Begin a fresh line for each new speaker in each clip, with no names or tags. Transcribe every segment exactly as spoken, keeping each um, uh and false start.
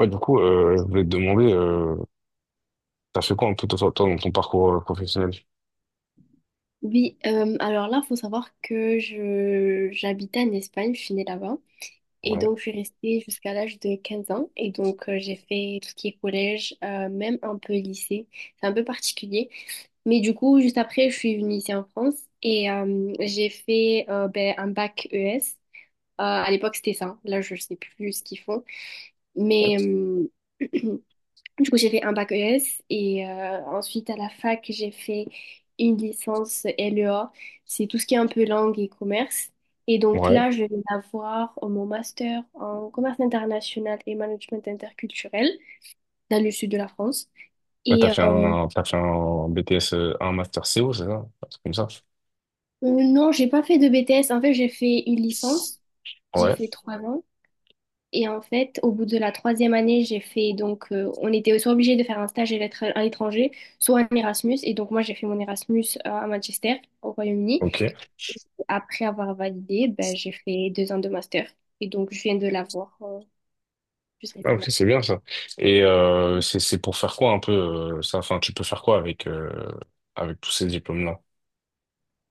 Ouais, du coup, euh, je voulais te demander, euh, t'as fait quoi un peu toi, toi, dans ton parcours euh, professionnel?
Oui, euh, alors là, il faut savoir que je j'habitais en Espagne, je suis née là-bas. Et
Ouais.
donc, je suis restée jusqu'à l'âge de quinze ans. Et donc, euh, j'ai fait tout ce qui est collège, euh, même un peu lycée. C'est un peu particulier. Mais du coup, juste après, je suis venue ici en France et euh, j'ai fait euh, ben, un bac E S. Euh, à l'époque, c'était ça. Là, je sais plus ce qu'ils font.
Ouais.
Mais, euh, Du coup, j'ai fait un bac E S et euh, ensuite à la fac, j'ai fait une licence L E A. C'est tout ce qui est un peu langue et commerce. Et donc
Ouais.
là, je vais avoir mon master en commerce international et management interculturel dans le sud de la France.
Ouais, t'as
Et euh,
fait
euh,
un, t'as fait un B T S, euh, un master C O, c'est ça? Un truc comme ça?
non, j'ai pas fait de B T S. En fait, j'ai fait une licence. J'ai
Ouais.
fait trois ans. Et en fait, au bout de la troisième année, j'ai fait donc, euh, on était soit obligé de faire un stage à l'étr- à l'étranger, soit un Erasmus. Et donc, moi, j'ai fait mon Erasmus euh, à Manchester, au Royaume-Uni.
Ok.
Après avoir validé, ben, j'ai fait deux ans de master. Et donc, je viens de l'avoir euh, juste
Ah, ok,
récemment.
c'est bien ça. Et euh, c'est c'est pour faire quoi un peu euh, ça? Enfin, tu peux faire quoi avec euh, avec tous ces diplômes-là?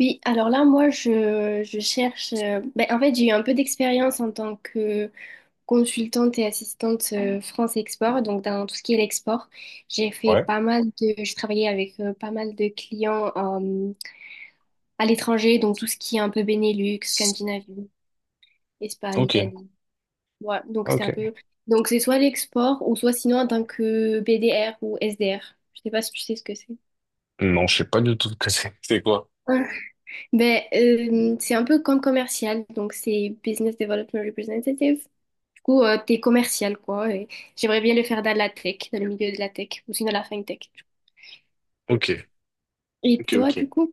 Oui, alors là, moi, je, je cherche. euh, ben, en fait, j'ai eu un peu d'expérience en tant que consultante et assistante euh, France Export, donc dans tout ce qui est l'export. J'ai fait
Ouais.
pas mal de. Je travaillais avec euh, pas mal de clients. À l'étranger, donc tout ce qui est un peu Benelux, Scandinavie, Espagne,
Ok.
Italie. Voilà, donc c'était un
Ok.
peu... Donc c'est soit l'export ou soit sinon en tant que B D R ou S D R. Je sais pas si tu sais ce que c'est.
Non, je sais pas du tout ce que c'est. C'est quoi?
Hein. Ben, euh, c'est un peu comme commercial, donc c'est Business Development Representative. Du coup, euh, t'es commercial, quoi. Et j'aimerais bien le faire dans la tech, dans le milieu de la tech, ou sinon la fintech. Du coup.
Ok.
Et
Ok,
toi,
ok.
du coup?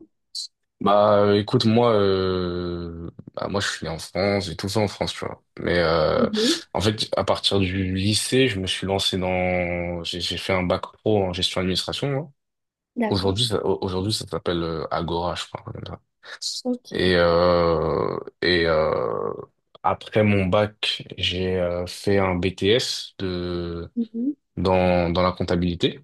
Bah euh, écoute moi, euh, bah, moi je suis né en France, j'ai tout fait en France, tu vois, mais euh,
Mhm.
en fait, à partir du lycée, je me suis lancé dans j'ai j'ai fait un bac pro en gestion administration, moi.
D'accord.
Aujourd'hui ça au- aujourd'hui ça s'appelle euh, Agora, je crois, comme ça. et
Ok.
euh, et euh, Après mon bac, j'ai euh, fait un B T S de
Mhm.
dans dans la comptabilité.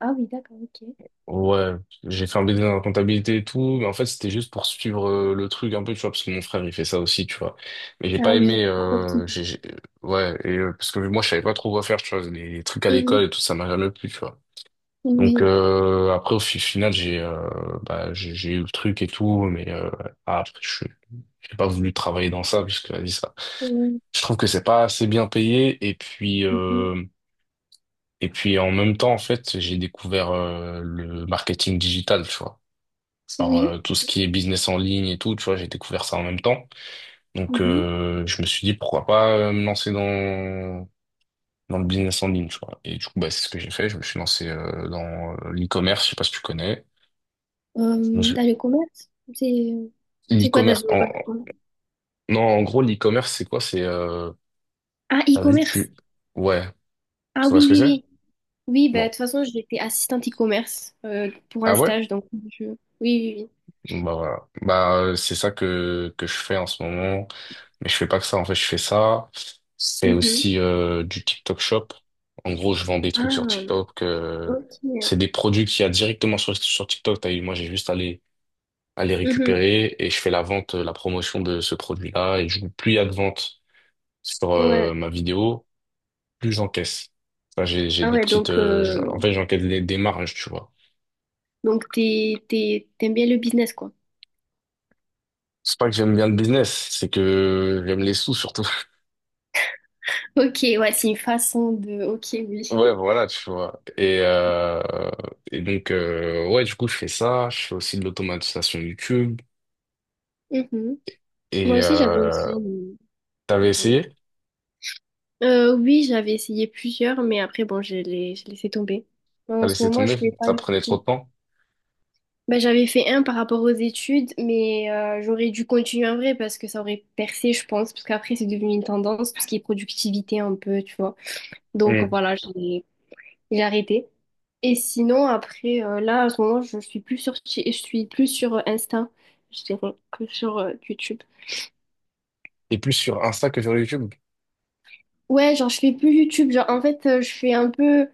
Ah oui, d'accord, ok.
Ouais, j'ai fait un B D dans la comptabilité et tout, mais en fait c'était juste pour suivre euh, le truc un peu, tu vois, parce que mon frère il fait ça aussi, tu vois. Mais j'ai pas
Ah oui,
aimé,
apporte.
euh, j'ai, j'ai- ouais, et, euh, parce que moi je savais pas trop quoi faire, tu vois, les, les, trucs à l'école
Mhm.
et tout, ça m'a jamais plu, tu vois. Donc
Oui.
euh, après au fi- final, j'ai, euh, bah j'ai j'ai eu le truc et tout, mais euh, ah, après je j'ai pas voulu travailler dans ça puisque vas-y ça.
Euh,
Je trouve que c'est pas assez bien payé, et puis
mhm.
euh, et puis en même temps, en fait, j'ai découvert euh, le marketing digital, tu vois. Genre, euh,
Oui.
tout ce qui est business en ligne et tout, tu vois, j'ai découvert ça en même temps. Donc,
Mhm.
euh, je me suis dit, pourquoi pas euh, me lancer dans, dans le business en ligne, tu vois. Et du coup, bah, c'est ce que j'ai fait. Je me suis lancé euh, dans euh, l'e-commerce, je sais pas si tu connais.
Euh,
Je-
dans le commerce, c'est c'est quoi dans
L'e-commerce,
une
en...
école de commerce?
non, en gros, l'e-commerce, c'est quoi? C'est, euh...
Ah,
t'as vu,
e-commerce.
tu... ouais, tu
Ah
vois
oui,
ce que
oui,
c'est?
oui. Oui, bah, de
Bon.
toute façon, j'étais assistante e-commerce euh, pour un
Ah ouais?
stage, donc je... Oui, oui,
Bah, voilà. Bah, euh, c'est ça que, que je fais en ce moment. Mais je fais pas que ça, en fait, je fais ça. C'est
oui. Mhm.
aussi euh, du TikTok Shop. En gros, je vends des trucs sur
Ah,
TikTok. euh,
ok.
c'est des produits qu'il y a directement sur, sur TikTok. T'as eu, moi, j'ai juste à les, à les
Mhm.
récupérer, et je fais la vente, euh, la promotion de ce produit-là. Et du coup, plus il y a de ventes sur
Ouais.
euh, ma vidéo, plus j'encaisse. Enfin, j'ai, j'ai
Ah
des
ouais,
petites,
donc,
euh, j'en- en
euh,
fait, j'encaisse des, des marges, tu vois.
donc t'es, t'es- t'aimes bien le business, quoi.
C'est pas que j'aime bien le business, c'est que j'aime les sous surtout.
Ok, ouais, c'est une façon de... Ok, oui.
Ouais, voilà, tu vois. Et, euh, et donc, euh, ouais, du coup, je fais ça. Je fais aussi de l'automatisation YouTube.
Mhm. Moi
Et
aussi, j'avais une
euh,
chaîne.
T'avais essayé?
Euh, oui, j'avais essayé plusieurs, mais après, bon, je les, je laissé tomber.
T'as
En ce
laissé
moment,
tomber?
je fais pas
Ça prenait trop
YouTube.
de temps?
Bah, j'avais fait un par rapport aux études, mais euh, j'aurais dû continuer en vrai parce que ça aurait percé, je pense, parce qu'après, c'est devenu une tendance, tout ce qui est productivité un peu, tu vois. Donc
Mm.
voilà, j'ai j'ai arrêté. Et sinon, après, euh, là, en ce moment, je suis plus sur, Ti- je suis plus sur Insta, je dirais, que sur euh, YouTube.
Et plus sur Insta que sur YouTube?
Ouais, genre je fais plus YouTube, genre en fait euh, je fais un peu,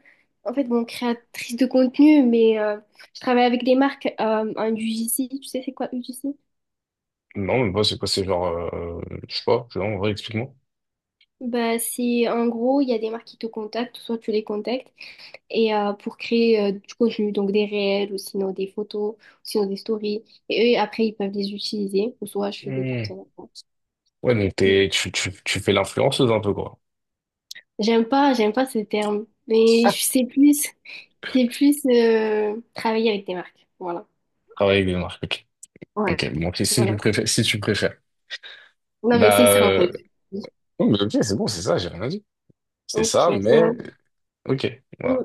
en fait bon, créatrice de contenu, mais euh, je travaille avec des marques, euh, un U G C, tu sais c'est quoi U G C?
Non, mais moi, c'est quoi? C'est genre, euh, je sais pas, genre, en vrai, explique-moi.
Bah c'est en gros, il y a des marques qui te contactent, soit tu les contactes, et euh, pour créer euh, du contenu, donc des réels, ou sinon des photos, ou sinon des stories, et eux après ils peuvent les utiliser, ou soit je fais des
Mm.
partenariats.
Ouais, donc
Mm.
t'es, tu, tu, tu fais l'influenceuse un peu, quoi.
J'aime pas, j'aime pas ce terme, mais je sais plus, c'est plus euh, travailler avec des marques, voilà.
Travailler avec des marques, ok.
Ouais.
Ok, bon, ok, si tu
Voilà.
préfères, si tu préfères.
Non, mais c'est
Bah,
ça, en
euh,
fait.
oh, mais ok, c'est bon, c'est ça, j'ai rien dit. C'est ça,
Ok.
mais
Ouais.
ok, voilà.
Mm.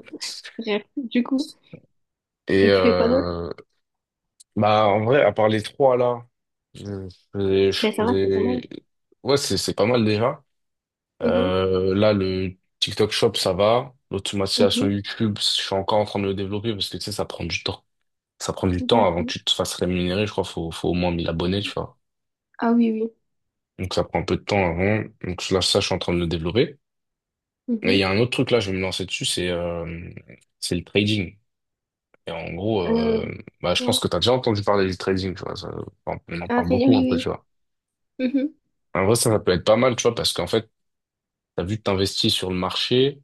Bref, du coup.
Et
Et tu fais quoi d'autre?
euh, bah, en vrai, à part les trois là, je faisais, je
Ben, ça va, c'est pas
faisais...
mal.
Ouais, c'est c'est pas mal déjà.
Mhm,
Euh, là le TikTok Shop ça va, l'automatisation
mhm.
YouTube, je suis encore en train de le développer parce que tu sais, ça prend du temps. Ça prend du temps avant que
D'accord.
tu te fasses rémunérer, je crois, faut faut au moins mille abonnés, tu vois.
Ah oui, oui.
Donc ça prend un peu de temps avant. Donc là, ça, je suis en train de le développer. Et il y
Mhm.
a un autre truc là, je vais me lancer dessus, c'est euh, c'est le trading. Et en gros,
Euh,
euh, bah, je pense
ouais.
que tu as déjà entendu parler du trading, tu vois. ça- enfin, on en
Ah,
parle
c'est
beaucoup un peu, tu
oui,
vois.
oui. Mhm.
En vrai, ça, ça peut être pas mal, tu vois, parce qu'en fait, tu as vu que t'investis sur le marché.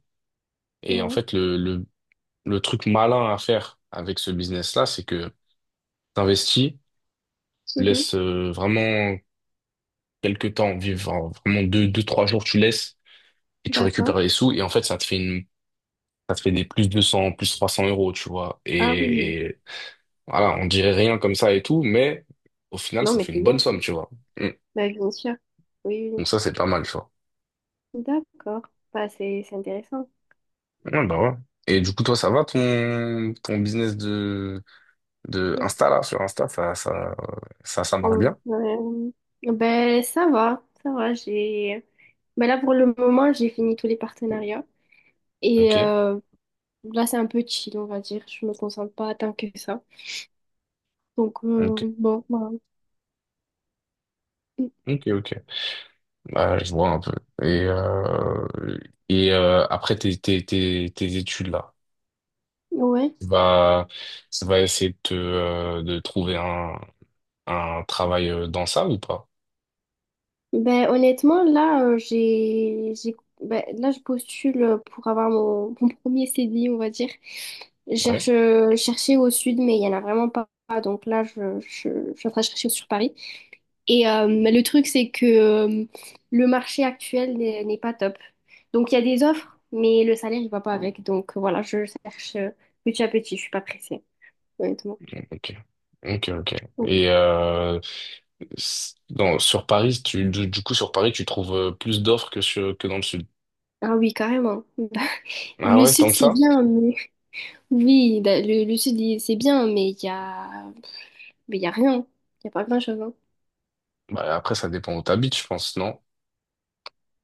Et en
Ouais.
fait, le, le, le truc malin à faire avec ce business-là, c'est que t'investis, tu
Mhm.
laisses euh, vraiment quelques temps vivre, en- vraiment deux, deux, trois jours, tu laisses, et tu
D'accord.
récupères les sous. Et en fait, ça te fait une, ça te fait des plus deux cents, plus trois cents euros, tu vois.
Ah oui.
Et, et voilà, on dirait rien comme ça et tout, mais au final,
Non,
ça
mais
fait
c'est
une
bien.
bonne somme, tu vois.
Ben, bien sûr. Oui, oui.
Donc ça, c'est pas mal, tu vois.
Oui. D'accord. Bah, c'est c'est intéressant.
Ouais, bah ouais. Et du coup, toi, ça va ton, ton business de, de
Mm.
Insta, là, sur Insta, ça, ça, ça, ça marche
Euh,
bien?
euh, ben, ça va. Ça va. J'ai... Ben là, pour le moment, j'ai fini tous les partenariats. Et
Ok,
euh, là, c'est un peu chill, on va dire. Je me concentre pas tant que ça. Donc, euh,
ok,
bon, bah,
ok, ok. Bah, je vois un peu. Et, euh, et euh, après tes, tes, tes, tes études, là,
ouais.
tu vas, tu vas essayer de, te, euh, de trouver un, un travail euh, dans ça ou pas?
Ben, honnêtement, là, euh, j'ai, j'ai, ben, là, je postule pour avoir mon, mon premier C D I, on va dire. Je cherche, je cherchais au sud, mais il y en a vraiment pas. Donc là, je, je, je suis en train de chercher sur Paris. Et euh, le truc, c'est que euh, le marché actuel n'est n'est pas top. Donc, il y a des offres, mais le salaire, il va pas avec. Donc, voilà, je cherche euh, petit à petit. Je suis pas pressée, honnêtement.
Ok, ok, ok. Et euh, s- dans, sur Paris, tu, du, du coup, sur Paris, tu trouves euh, plus d'offres que, sur, que dans le sud.
Ah oui, carrément. Bah,
Ah
le
ouais,
sud,
tant que
c'est
ça?
bien, mais... Oui, bah, le, le sud, il- c'est bien, mais il y a... mais il y a rien. Il y a pas grand-chose, hein.
Bah, après, ça dépend où t'habites, je pense, non?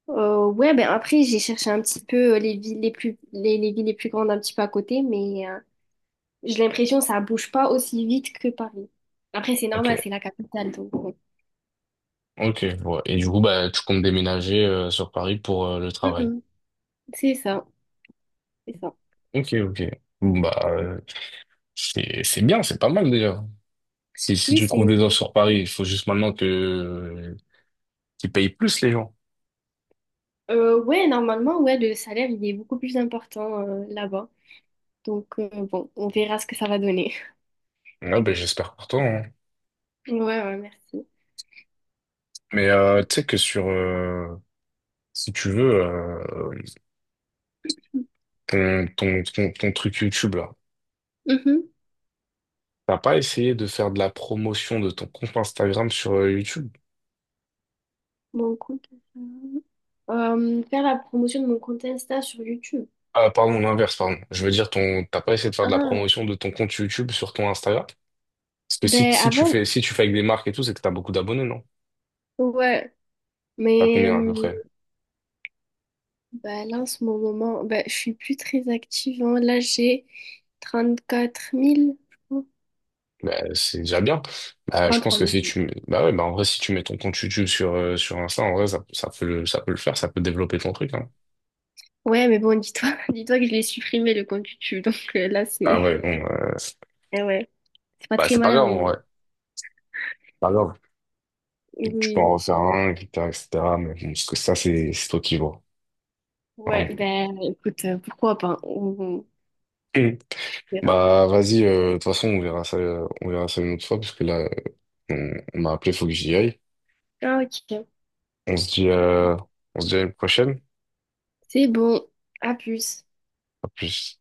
Euh, ouais, ben après, j'ai cherché un petit peu euh, les villes les plus... les, les villes les plus grandes un petit peu à côté, mais euh, j'ai l'impression que ça bouge pas aussi vite que Paris. Après, c'est
Ok,
normal, c'est la capitale, donc... bon.
ok. Ouais. Et du coup, bah, tu comptes déménager euh, sur Paris pour euh, le travail.
Mhm. C'est ça, c'est ça.
Ok, ok. Bah, euh, c'est, c'est bien, c'est pas mal déjà. Si, si
Oui,
tu trouves
c'est...
des offres sur Paris, il faut juste maintenant que euh, qu'ils payent plus les gens.
Euh, ouais, normalement, ouais, le salaire, il est beaucoup plus important euh, là-bas. Donc, euh, bon, on verra ce que ça va donner.
Ouais, ben j'espère pour toi, hein.
Ouais, ouais, merci.
Mais euh, tu sais que sur, euh, si tu veux, euh, ton, ton, ton, ton truc YouTube là.
Mhm.
T'as pas essayé de faire de la promotion de ton compte Instagram sur euh, YouTube?
Mon compte. Insta. Euh, faire la promotion de mon compte Insta sur YouTube.
Ah, pardon, l'inverse, pardon. Je veux dire, ton, t'as pas essayé de faire de la
Ah,
promotion de ton compte YouTube sur ton Instagram? Parce que si,
ben
si tu
avant,
fais, si tu fais avec des marques et tout, c'est que t'as beaucoup d'abonnés, non?
ouais.
T'as
Mais
combien à peu
euh,
près?
ben là, en ce moment, ben, je suis plus très active. Hein. Là, j'ai trente-quatre mille, je
Bah, c'est déjà bien. Bah, je
crois.
pense
trois
que
mille
si tu, bah ouais, bah en vrai, si tu mets ton compte YouTube sur, euh, sur Insta, en vrai, ça, ça peut le, ça peut le faire, ça peut développer ton truc, hein.
Ouais, mais bon, dis-toi, dis-toi que je l'ai supprimé, le compte YouTube. Donc euh, là,
Ah
c'est...
ouais, bon, euh,
Eh ouais, c'est pas
bah,
très
c'est pas
malin,
grave,
mais
en
bon.
vrai. Pas grave. Et que tu peux
Oui.
en refaire un, et cetera, et cetera. Mais bon, parce que ça, c'est c'est toi qui vois.
Ouais,
Hein.
ben écoute, euh, pourquoi pas? On on
Mm.
verra.
Bah, vas-y, euh, de toute façon, on verra ça, euh, on verra ça une autre fois, parce que là, on, on m'a appelé, faut que j'y aille.
Ah, ok.
On se dit, euh, on se dit à une prochaine.
C'est bon. À plus.
À plus.